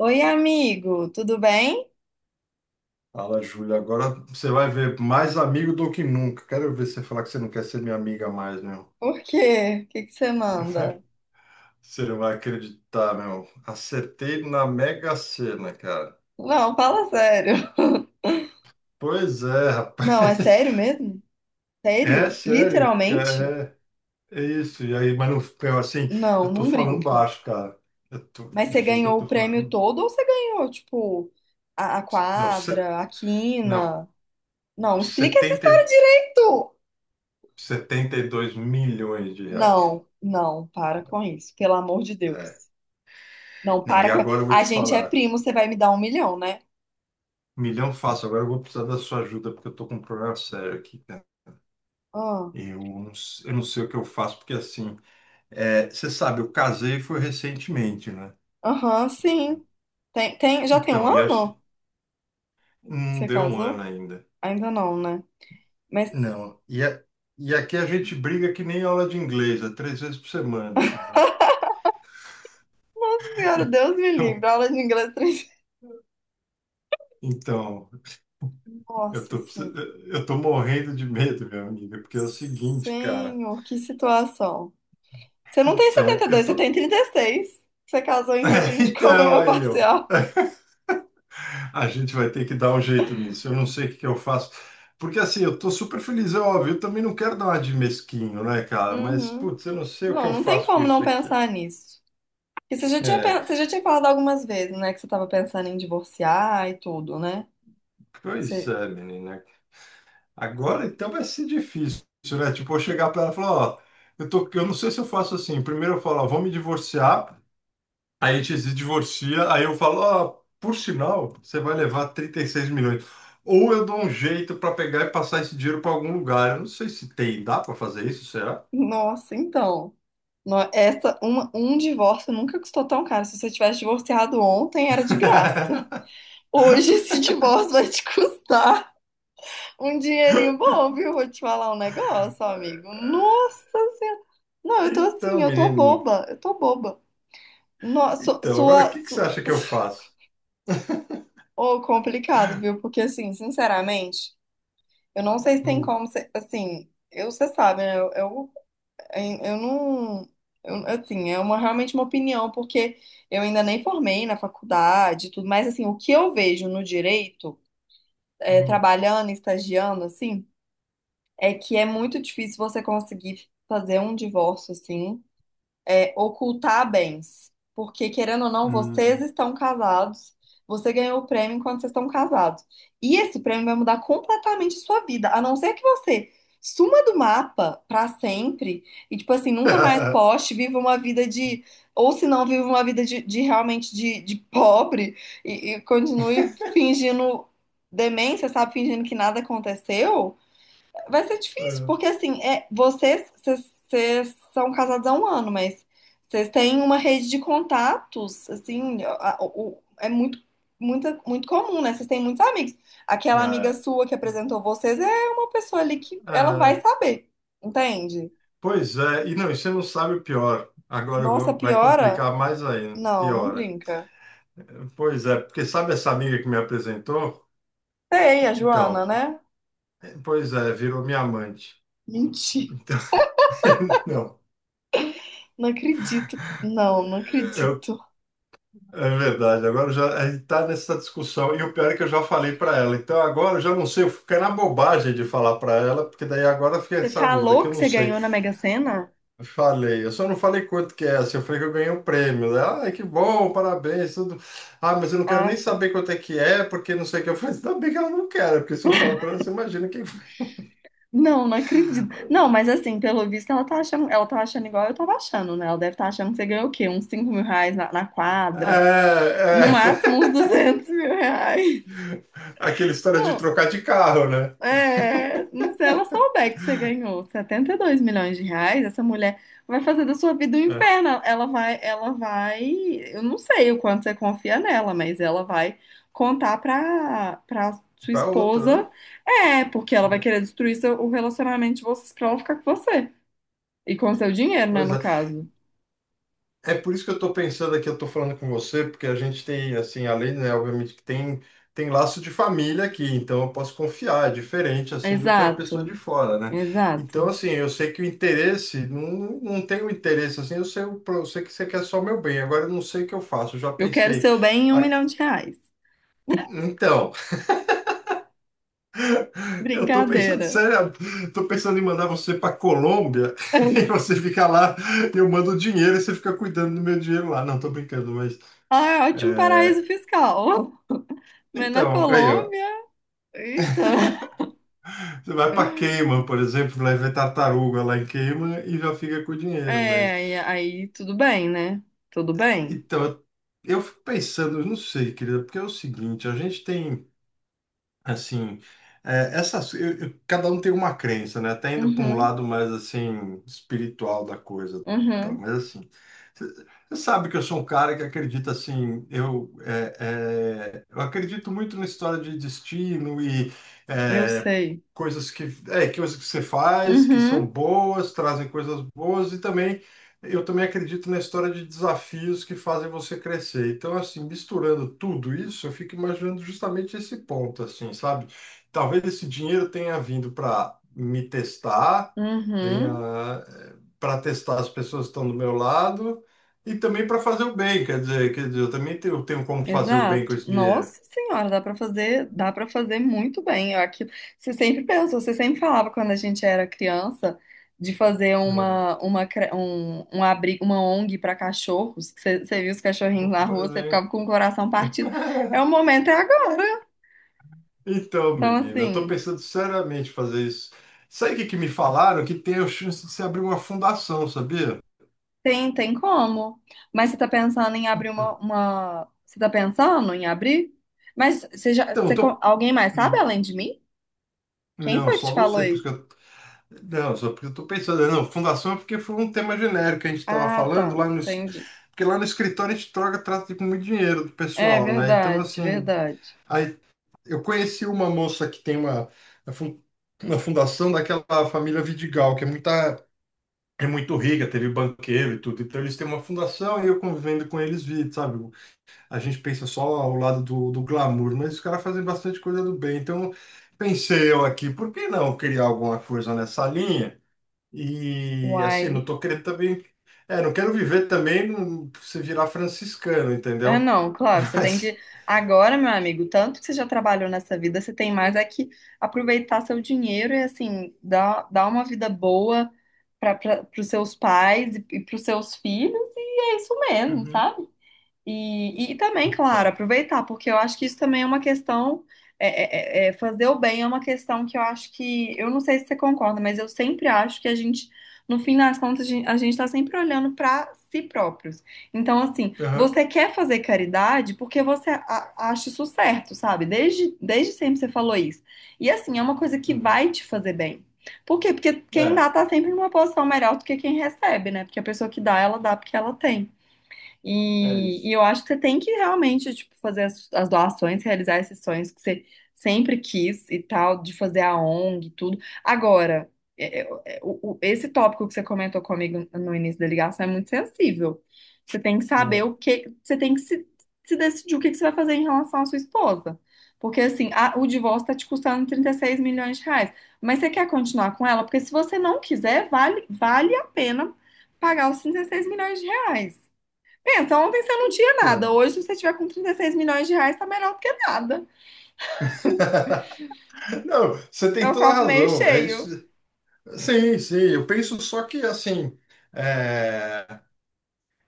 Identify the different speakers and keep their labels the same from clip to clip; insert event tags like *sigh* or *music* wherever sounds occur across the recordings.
Speaker 1: Oi, amigo, tudo bem?
Speaker 2: Fala, Júlia. Agora você vai ver mais amigo do que nunca. Quero ver você falar que você não quer ser minha amiga mais, meu.
Speaker 1: Por quê? O que que você manda?
Speaker 2: Você não vai acreditar, meu. Acertei na Mega Sena, cara.
Speaker 1: Não, fala sério.
Speaker 2: Pois é, rapaz.
Speaker 1: Não, é sério
Speaker 2: *laughs*
Speaker 1: mesmo?
Speaker 2: É
Speaker 1: Sério?
Speaker 2: sério,
Speaker 1: Literalmente?
Speaker 2: cara. É isso. E aí, mas não, meu, assim,
Speaker 1: Não,
Speaker 2: eu tô
Speaker 1: não
Speaker 2: falando
Speaker 1: brinca.
Speaker 2: baixo, cara. Eu tô,
Speaker 1: Mas
Speaker 2: eu
Speaker 1: você
Speaker 2: juro que eu
Speaker 1: ganhou o
Speaker 2: tô
Speaker 1: prêmio
Speaker 2: falando.
Speaker 1: todo ou você ganhou, tipo, a
Speaker 2: Não, se,
Speaker 1: quadra, a
Speaker 2: não.
Speaker 1: quina? Não, explica essa
Speaker 2: 70,
Speaker 1: história
Speaker 2: e-
Speaker 1: direito!
Speaker 2: 72 milhões de reais.
Speaker 1: Não, não, para com isso, pelo amor de
Speaker 2: É.
Speaker 1: Deus. Não,
Speaker 2: Não, e
Speaker 1: para com.
Speaker 2: agora eu vou
Speaker 1: A
Speaker 2: te
Speaker 1: gente é
Speaker 2: falar.
Speaker 1: primo, você vai me dar um milhão, né?
Speaker 2: Milhão fácil. Agora eu vou precisar da sua ajuda porque eu tô com um problema sério aqui, cara.
Speaker 1: Ah.
Speaker 2: Eu não sei o que eu faço porque assim, é, você sabe, eu casei foi recentemente, né?
Speaker 1: Aham, sim. Tem, já tem um
Speaker 2: Então, e acho,
Speaker 1: ano que
Speaker 2: não
Speaker 1: você
Speaker 2: deu um ano
Speaker 1: casou?
Speaker 2: ainda.
Speaker 1: Ainda não, né? Mas,
Speaker 2: Não. E aqui a gente briga que nem aula de inglês, é 3 vezes por semana, entendeu?
Speaker 1: senhora, Deus me livre,
Speaker 2: Então,
Speaker 1: aula de inglês três.
Speaker 2: então, eu
Speaker 1: Nossa,
Speaker 2: tô, precis-
Speaker 1: sim.
Speaker 2: eu tô morrendo de medo, meu amigo, porque é o seguinte, cara.
Speaker 1: Senhor, que situação. Você não tem
Speaker 2: Então, eu
Speaker 1: 72, você
Speaker 2: tô.
Speaker 1: tem 36? Você casou em
Speaker 2: *laughs*
Speaker 1: regime de
Speaker 2: Então,
Speaker 1: comunhão *laughs*
Speaker 2: aí, ó.
Speaker 1: parcial.
Speaker 2: A gente vai ter que dar um jeito nisso. Eu não sei o que que eu faço. Porque assim, eu tô super feliz, é óbvio. Eu também não quero dar uma de mesquinho, né, cara? Mas,
Speaker 1: Uhum.
Speaker 2: putz, eu não sei o que
Speaker 1: Não,
Speaker 2: eu
Speaker 1: não tem
Speaker 2: faço com
Speaker 1: como não
Speaker 2: isso aqui.
Speaker 1: pensar nisso. E você já tinha falado algumas vezes, né? Que você estava pensando em divorciar e tudo, né?
Speaker 2: Pois
Speaker 1: Você,
Speaker 2: é, menina.
Speaker 1: você-
Speaker 2: Agora então vai ser difícil, né? Tipo, eu chegar pra ela e falar, ó, eu tô, eu não sei se eu faço assim. Primeiro eu falo, ó, vou me divorciar. Aí a gente se divorcia. Aí eu falo, ó, por sinal, você vai levar 36 milhões. Ou eu dou um jeito pra pegar e passar esse dinheiro pra algum lugar. Eu não sei se tem, dá pra fazer isso, será?
Speaker 1: Nossa, então. Um divórcio nunca custou tão caro. Se você tivesse divorciado ontem, era de graça.
Speaker 2: *laughs*
Speaker 1: Hoje esse divórcio vai te custar um dinheirinho bom, viu? Vou te falar um negócio, amigo. Nossa Senhora. Não, eu tô assim,
Speaker 2: Então,
Speaker 1: eu tô
Speaker 2: menino.
Speaker 1: boba, eu tô boba. Nossa,
Speaker 2: Então, agora o que que você acha que eu
Speaker 1: *laughs*
Speaker 2: faço?
Speaker 1: Ô, complicado, viu? Porque assim, sinceramente, eu não sei se tem
Speaker 2: Hum,
Speaker 1: como ser, assim, você sabe, né? Eu não, eu- assim, é uma realmente uma opinião, porque eu ainda nem formei na faculdade, e tudo, mas assim, o que eu vejo no direito,
Speaker 2: hum,
Speaker 1: trabalhando, estagiando, assim, é que é muito difícil você conseguir fazer um divórcio assim, ocultar bens. Porque, querendo ou não, vocês
Speaker 2: hum.
Speaker 1: estão casados, você ganhou o prêmio enquanto vocês estão casados. E esse prêmio vai mudar completamente a sua vida, a não ser que você suma do mapa pra sempre e, tipo assim, nunca mais
Speaker 2: *laughs*
Speaker 1: poste, viva uma vida de. Ou se não, viva uma vida de realmente de pobre e continue fingindo demência, sabe? Fingindo que nada aconteceu. Vai ser difícil, porque assim, vocês são casados há um ano, mas vocês têm uma rede de contatos, assim, é muito, muito, muito comum, né? Vocês têm muitos amigos. Aquela amiga
Speaker 2: Ah,
Speaker 1: sua que
Speaker 2: ah,
Speaker 1: apresentou vocês é uma pessoa ali que ela vai
Speaker 2: ah.
Speaker 1: saber, entende?
Speaker 2: *laughs* Pois é, e não, e você não sabe o pior.
Speaker 1: Nossa,
Speaker 2: Vai
Speaker 1: piora?
Speaker 2: complicar mais ainda,
Speaker 1: Não, não
Speaker 2: piora.
Speaker 1: brinca.
Speaker 2: Pois é, porque sabe essa amiga que me apresentou?
Speaker 1: Sei, a Joana,
Speaker 2: Então,
Speaker 1: né?
Speaker 2: pois é, virou minha amante.
Speaker 1: Mentira,
Speaker 2: Então, *laughs* não.
Speaker 1: não acredito. Não, não
Speaker 2: Eu
Speaker 1: acredito.
Speaker 2: É verdade, agora já a gente está nessa discussão. E o pior é que eu já falei para ela. Então agora eu já não sei, eu fiquei na bobagem de falar para ela, porque daí agora fica
Speaker 1: Você
Speaker 2: essa dúvida que
Speaker 1: falou
Speaker 2: eu
Speaker 1: que
Speaker 2: não
Speaker 1: você
Speaker 2: sei.
Speaker 1: ganhou na Mega Sena?
Speaker 2: Falei, eu só não falei quanto que é, assim, eu falei que eu ganhei um prêmio. Ela, ai, que bom, parabéns, tudo. Ah, mas eu não quero
Speaker 1: Ah.
Speaker 2: nem saber quanto é que é, porque não sei o que eu faço. Ainda bem que ela não quer, né? Porque se eu falo para ela, você imagina quem
Speaker 1: Não, não acredito.
Speaker 2: fala.
Speaker 1: Não, mas assim, pelo visto, ela tá achando igual eu tava achando, né? Ela deve estar achando que você ganhou o quê? Uns 5 mil reais na
Speaker 2: É,
Speaker 1: quadra. No máximo,
Speaker 2: é
Speaker 1: uns 200 *laughs* mil reais.
Speaker 2: *laughs* aquela história de
Speaker 1: Não,
Speaker 2: trocar de carro, né?
Speaker 1: não sei. Ela souber que você ganhou 72 milhões de reais, essa mulher vai fazer da sua vida um
Speaker 2: É.
Speaker 1: inferno. Ela vai... Eu não sei o quanto você confia nela, mas ela vai contar pra sua
Speaker 2: Para outra, né?
Speaker 1: esposa. É, porque ela vai querer destruir o relacionamento de vocês pra ela ficar com você. E com seu dinheiro, né,
Speaker 2: Pois
Speaker 1: no
Speaker 2: é.
Speaker 1: caso.
Speaker 2: É por isso que eu estou pensando aqui, eu estou falando com você, porque a gente tem, assim, além, né, obviamente que tem, tem laço de família aqui, então eu posso confiar, é diferente, assim, do que uma pessoa de
Speaker 1: Exato,
Speaker 2: fora, né? Então,
Speaker 1: exato.
Speaker 2: assim, eu sei que o interesse, não, não tenho interesse, assim, eu sei, eu sei que você quer só o meu bem, agora eu não sei o que eu faço, eu já
Speaker 1: Eu quero
Speaker 2: pensei.
Speaker 1: seu bem em um
Speaker 2: Ah,
Speaker 1: milhão de reais.
Speaker 2: então, *laughs* eu estou pensando,
Speaker 1: Brincadeira.
Speaker 2: sério, estou pensando em mandar você para Colômbia *laughs* e
Speaker 1: *laughs*
Speaker 2: você fica lá, eu mando o dinheiro e você fica cuidando do meu dinheiro lá. Não, estou brincando, mas.
Speaker 1: Ah, é ótimo
Speaker 2: é,
Speaker 1: paraíso fiscal. *laughs* Mas na
Speaker 2: Então, aí, ó.
Speaker 1: Colômbia, eita.
Speaker 2: Você vai para
Speaker 1: *laughs*
Speaker 2: Cayman, por exemplo, vai ver tartaruga lá em Cayman e já fica com o dinheiro, mas...
Speaker 1: É, e aí tudo bem, né? Tudo bem.
Speaker 2: Então, eu fico pensando, eu não sei, querida, porque é o seguinte, a gente tem... Assim, cada um tem uma crença, né? Até indo para um
Speaker 1: Uhum,
Speaker 2: lado mais assim espiritual da coisa, tal.
Speaker 1: uhum,
Speaker 2: Mas assim, você sabe que eu sou um cara que acredita assim, eu acredito muito na história de destino e
Speaker 1: eu
Speaker 2: é,
Speaker 1: sei.
Speaker 2: coisas que, coisas que você faz que são
Speaker 1: Uhum,
Speaker 2: boas, trazem coisas boas e também eu também acredito na história de desafios que fazem você crescer. Então, assim, misturando tudo isso, eu fico imaginando justamente esse ponto, assim, sabe? Talvez esse dinheiro tenha vindo para me testar, tenha
Speaker 1: uhum.
Speaker 2: para testar as pessoas que estão do meu lado e também para fazer o bem. Quer dizer, eu também tenho, tenho como fazer o bem com
Speaker 1: Exato.
Speaker 2: esse dinheiro.
Speaker 1: Nossa senhora, dá para fazer muito bem. Eu aqui, você sempre pensou, você sempre falava quando a gente era criança de fazer
Speaker 2: É.
Speaker 1: um abrigo, uma ONG para cachorros, que você viu os cachorrinhos na
Speaker 2: Por
Speaker 1: rua, você ficava
Speaker 2: exemplo.
Speaker 1: com o coração partido. É o momento é agora.
Speaker 2: Então,
Speaker 1: Então
Speaker 2: menina, eu tô
Speaker 1: assim,
Speaker 2: pensando seriamente em fazer isso. Sabe o que que me falaram? Que tem a chance de se abrir uma fundação, sabia?
Speaker 1: tem como. Mas você tá pensando em abrir
Speaker 2: Então,
Speaker 1: uma, você tá pensando em abrir? Mas você já,
Speaker 2: eu
Speaker 1: você, co-
Speaker 2: tô.
Speaker 1: alguém mais sabe além de mim? Quem
Speaker 2: Não,
Speaker 1: foi que te
Speaker 2: só
Speaker 1: falou
Speaker 2: você, porque
Speaker 1: isso?
Speaker 2: eu. Não, só porque eu tô pensando. Não, fundação é porque foi um tema genérico que a gente estava
Speaker 1: Ah,
Speaker 2: falando
Speaker 1: tá.
Speaker 2: lá
Speaker 1: Entendi.
Speaker 2: porque lá no escritório a gente troca, trata com muito dinheiro do
Speaker 1: É
Speaker 2: pessoal, né? Então,
Speaker 1: verdade,
Speaker 2: assim.
Speaker 1: verdade.
Speaker 2: Aí eu conheci uma moça que tem uma. a fun- Uma fundação daquela família Vidigal, que é muita. É muito rica, teve banqueiro e tudo. Então, eles têm uma fundação e eu convivendo com eles vi, sabe? A gente pensa só ao lado do, do glamour, mas os caras fazem bastante coisa do bem. Então, pensei eu aqui, por que não criar alguma coisa nessa linha? E assim, não
Speaker 1: Uai.
Speaker 2: tô querendo também. É, não quero viver também se virar franciscano,
Speaker 1: Ah,
Speaker 2: entendeu?
Speaker 1: não, claro,
Speaker 2: *laughs*
Speaker 1: você tem
Speaker 2: Mas,
Speaker 1: que. Agora, meu amigo, tanto que você já trabalhou nessa vida, você tem mais é que aproveitar seu dinheiro e, assim, dar uma vida boa para os seus pais e para os seus filhos, e é isso mesmo,
Speaker 2: uhum.
Speaker 1: sabe? E, também, claro,
Speaker 2: Então.
Speaker 1: aproveitar, porque eu acho que isso também é uma questão. Fazer o bem é uma questão que eu acho que. Eu não sei se você concorda, mas eu sempre acho que a gente, no fim das contas, a gente está sempre olhando para si próprios. Então, assim,
Speaker 2: Aham.
Speaker 1: você quer fazer caridade porque você acha isso certo, sabe? Desde sempre você falou isso. E, assim, é uma coisa que
Speaker 2: Uhum.
Speaker 1: vai te fazer bem. Por quê? Porque quem
Speaker 2: É,
Speaker 1: dá tá sempre numa posição melhor do que quem recebe, né? Porque a pessoa que dá, ela dá porque ela tem.
Speaker 2: é
Speaker 1: E,
Speaker 2: isso.
Speaker 1: eu acho que você tem que realmente, tipo, fazer as doações, realizar esses sonhos que você sempre quis e tal, de fazer a ONG e tudo. Agora, esse tópico que você comentou comigo no início da ligação é muito sensível. Você tem que você tem que se decidir o que que você vai fazer em relação à sua esposa. Porque, assim, o divórcio está te custando 36 milhões de reais. Mas você quer continuar com ela? Porque se você não quiser, vale a pena pagar os 36 milhões de reais. Pensa, ontem você não tinha nada.
Speaker 2: Então,
Speaker 1: Hoje, se você tiver com 36 milhões de reais, tá melhor do que nada.
Speaker 2: não, você
Speaker 1: É
Speaker 2: tem
Speaker 1: o
Speaker 2: toda a
Speaker 1: copo meio
Speaker 2: razão. É
Speaker 1: cheio.
Speaker 2: isso. Sim, sim, eu penso só que assim, é,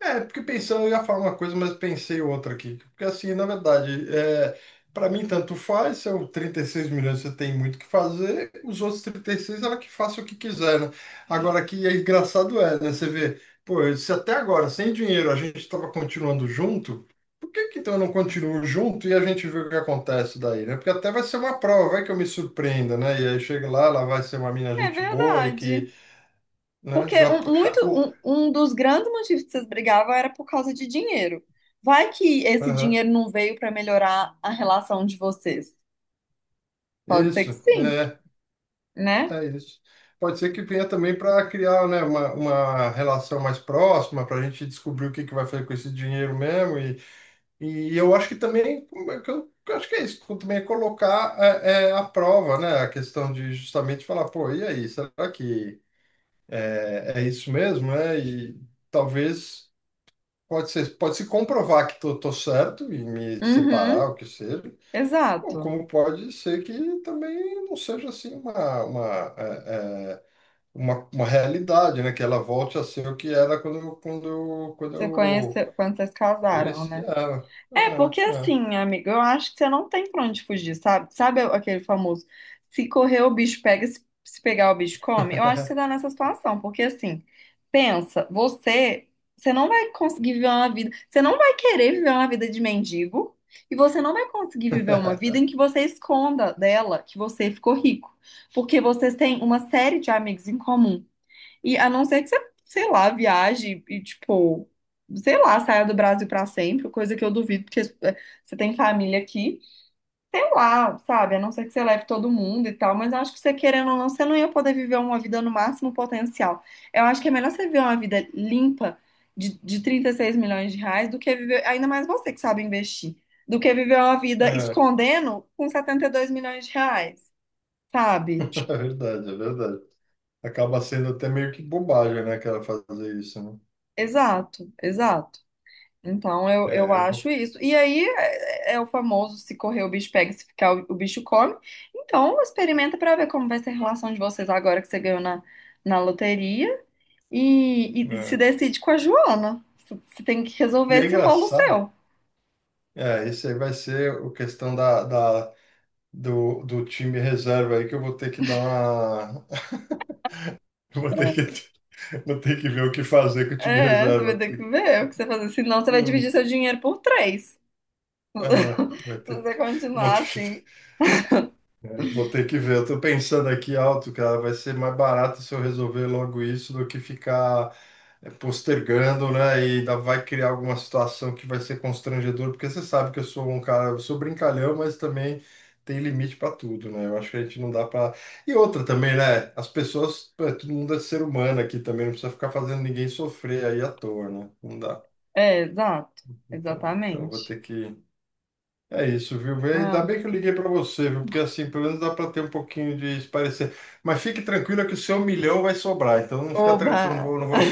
Speaker 2: Porque pensando, eu ia falar uma coisa, mas pensei outra aqui. Porque assim, na verdade, é, para mim tanto faz, são 36 milhões, você tem muito o que fazer, os outros 36 ela que faça o que quiser, né? Agora que é engraçado é, né? Você vê, pô, se até agora, sem dinheiro, a gente estava continuando junto, por que que então eu não continuo junto e a gente vê o que acontece daí, né? Porque até vai ser uma prova, vai que eu me surpreenda, né? E aí chega lá, ela vai ser uma mina
Speaker 1: É
Speaker 2: gente boa e
Speaker 1: verdade.
Speaker 2: que, né,
Speaker 1: Porque
Speaker 2: já...
Speaker 1: um, muito,
Speaker 2: *laughs* o-
Speaker 1: um, um dos grandes motivos que vocês brigavam era por causa de dinheiro. Vai que esse
Speaker 2: Aham,
Speaker 1: dinheiro não veio pra melhorar a relação de vocês. Pode ser
Speaker 2: isso,
Speaker 1: que sim,
Speaker 2: é.
Speaker 1: né?
Speaker 2: É isso. Pode ser que venha também para criar, né, uma relação mais próxima, para a gente descobrir o que que vai fazer com esse dinheiro mesmo. E eu acho que também, como é que eu acho que é isso, também é colocar à prova, né, a questão de justamente falar, pô, e aí, será que é isso mesmo, né? E talvez pode ser, pode se comprovar que tô, tô certo e me separar,
Speaker 1: Uhum,
Speaker 2: o que seja. Ou
Speaker 1: exato.
Speaker 2: como pode ser que também não seja assim uma, é, é, uma realidade, né? Que ela volte a ser o que era quando quando
Speaker 1: Você
Speaker 2: eu
Speaker 1: conheceu quando vocês casaram,
Speaker 2: conheci
Speaker 1: né?
Speaker 2: ela.
Speaker 1: É, porque assim, amigo, eu acho que você não tem pra onde fugir, sabe? Sabe aquele famoso, se correr o bicho pega, se pegar o bicho come? Eu acho que você tá nessa situação, porque assim, pensa, você não vai conseguir viver uma vida, você não vai querer viver uma vida de mendigo, e você não vai conseguir viver uma vida
Speaker 2: É,
Speaker 1: em que você esconda dela que você ficou rico, porque vocês têm uma série de amigos em comum. E a não ser que você, sei lá, viaje e, tipo, sei lá, saia do Brasil pra sempre, coisa que eu duvido, porque você tem família aqui, sei lá, sabe? A não ser que você leve todo mundo e tal, mas eu acho que você querendo ou não, você não ia poder viver uma vida no máximo potencial. Eu acho que é melhor você viver uma vida limpa de 36 milhões de reais do que viver, ainda mais você que sabe investir, do que viver uma vida
Speaker 2: é. *laughs*
Speaker 1: escondendo com 72 milhões de reais, sabe?
Speaker 2: É verdade, é verdade. Acaba sendo até meio que bobagem, né? Que ela fazer isso, né?
Speaker 1: Exato, exato. Então, eu
Speaker 2: É, eu
Speaker 1: acho
Speaker 2: vou.
Speaker 1: isso. E aí é o famoso: se correr o bicho pega, se ficar o bicho come. Então, experimenta para ver como vai ser a relação de vocês agora que você ganhou na loteria. E, se
Speaker 2: É.
Speaker 1: decide com a Joana. Você tem que resolver
Speaker 2: E é
Speaker 1: esse rolo
Speaker 2: engraçado,
Speaker 1: seu.
Speaker 2: é, isso aí vai ser o questão do do time reserva aí que eu vou ter que dar uma. *laughs* Eu vou ter que ver o que fazer com o time
Speaker 1: É, você
Speaker 2: reserva.
Speaker 1: vai ter que
Speaker 2: Porque
Speaker 1: ver o que você fazer. Senão, você vai dividir
Speaker 2: não,
Speaker 1: seu dinheiro por três. *laughs* Se
Speaker 2: é,
Speaker 1: você
Speaker 2: eu vou ter
Speaker 1: continuar assim.
Speaker 2: que eu vou ter que ver. Eu tô pensando aqui alto, cara. Vai ser mais barato se eu resolver logo isso do que ficar postergando, né? E ainda vai criar alguma situação que vai ser constrangedor, porque você sabe que eu sou um cara, eu sou brincalhão, mas também tem limite para tudo, né? Eu acho que a gente não dá para. E outra também, né? As pessoas, pô, todo mundo é ser humano aqui também, não precisa ficar fazendo ninguém sofrer aí à toa, né? Não dá.
Speaker 1: É, exato.
Speaker 2: Então, eu vou
Speaker 1: Exatamente.
Speaker 2: ter que é isso, viu? Vê, ainda
Speaker 1: Ah,
Speaker 2: bem que eu liguei para você, viu? Porque assim, pelo menos dá para ter um pouquinho de parecer. Mas fique tranquila que o seu milhão vai sobrar, então não fica tranquilo,
Speaker 1: oba!
Speaker 2: não vou, *laughs*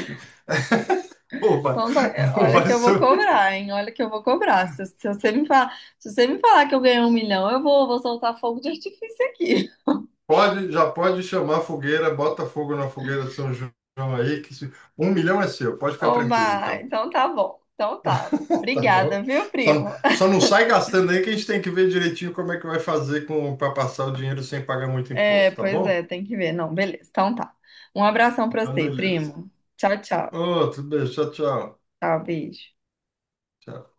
Speaker 2: opa,
Speaker 1: Então, tá,
Speaker 2: não
Speaker 1: olha
Speaker 2: vai
Speaker 1: que eu vou
Speaker 2: sobrar.
Speaker 1: cobrar, hein? Olha que eu vou cobrar. Se você me falar, se você me falar que eu ganhei um milhão, eu vou soltar fogo de artifício aqui.
Speaker 2: Pode, já pode chamar a fogueira, bota fogo na fogueira de São João aí, que se- um milhão é seu, pode
Speaker 1: *laughs*
Speaker 2: ficar
Speaker 1: Ô,
Speaker 2: tranquilo
Speaker 1: Mar,
Speaker 2: então.
Speaker 1: então tá bom. Então tá.
Speaker 2: *laughs* Tá bom?
Speaker 1: Obrigada, viu,
Speaker 2: Só,
Speaker 1: primo?
Speaker 2: só não sai gastando aí que a gente tem que ver direitinho como é que vai fazer com para passar o dinheiro sem pagar muito
Speaker 1: É,
Speaker 2: imposto, tá
Speaker 1: pois
Speaker 2: bom?
Speaker 1: é, tem que ver. Não, beleza. Então tá. Um abração pra
Speaker 2: Então,
Speaker 1: você,
Speaker 2: beleza.
Speaker 1: primo. Tchau, tchau.
Speaker 2: Outro beijo, tchau, tchau.
Speaker 1: Tchau, beijo.
Speaker 2: Tchau.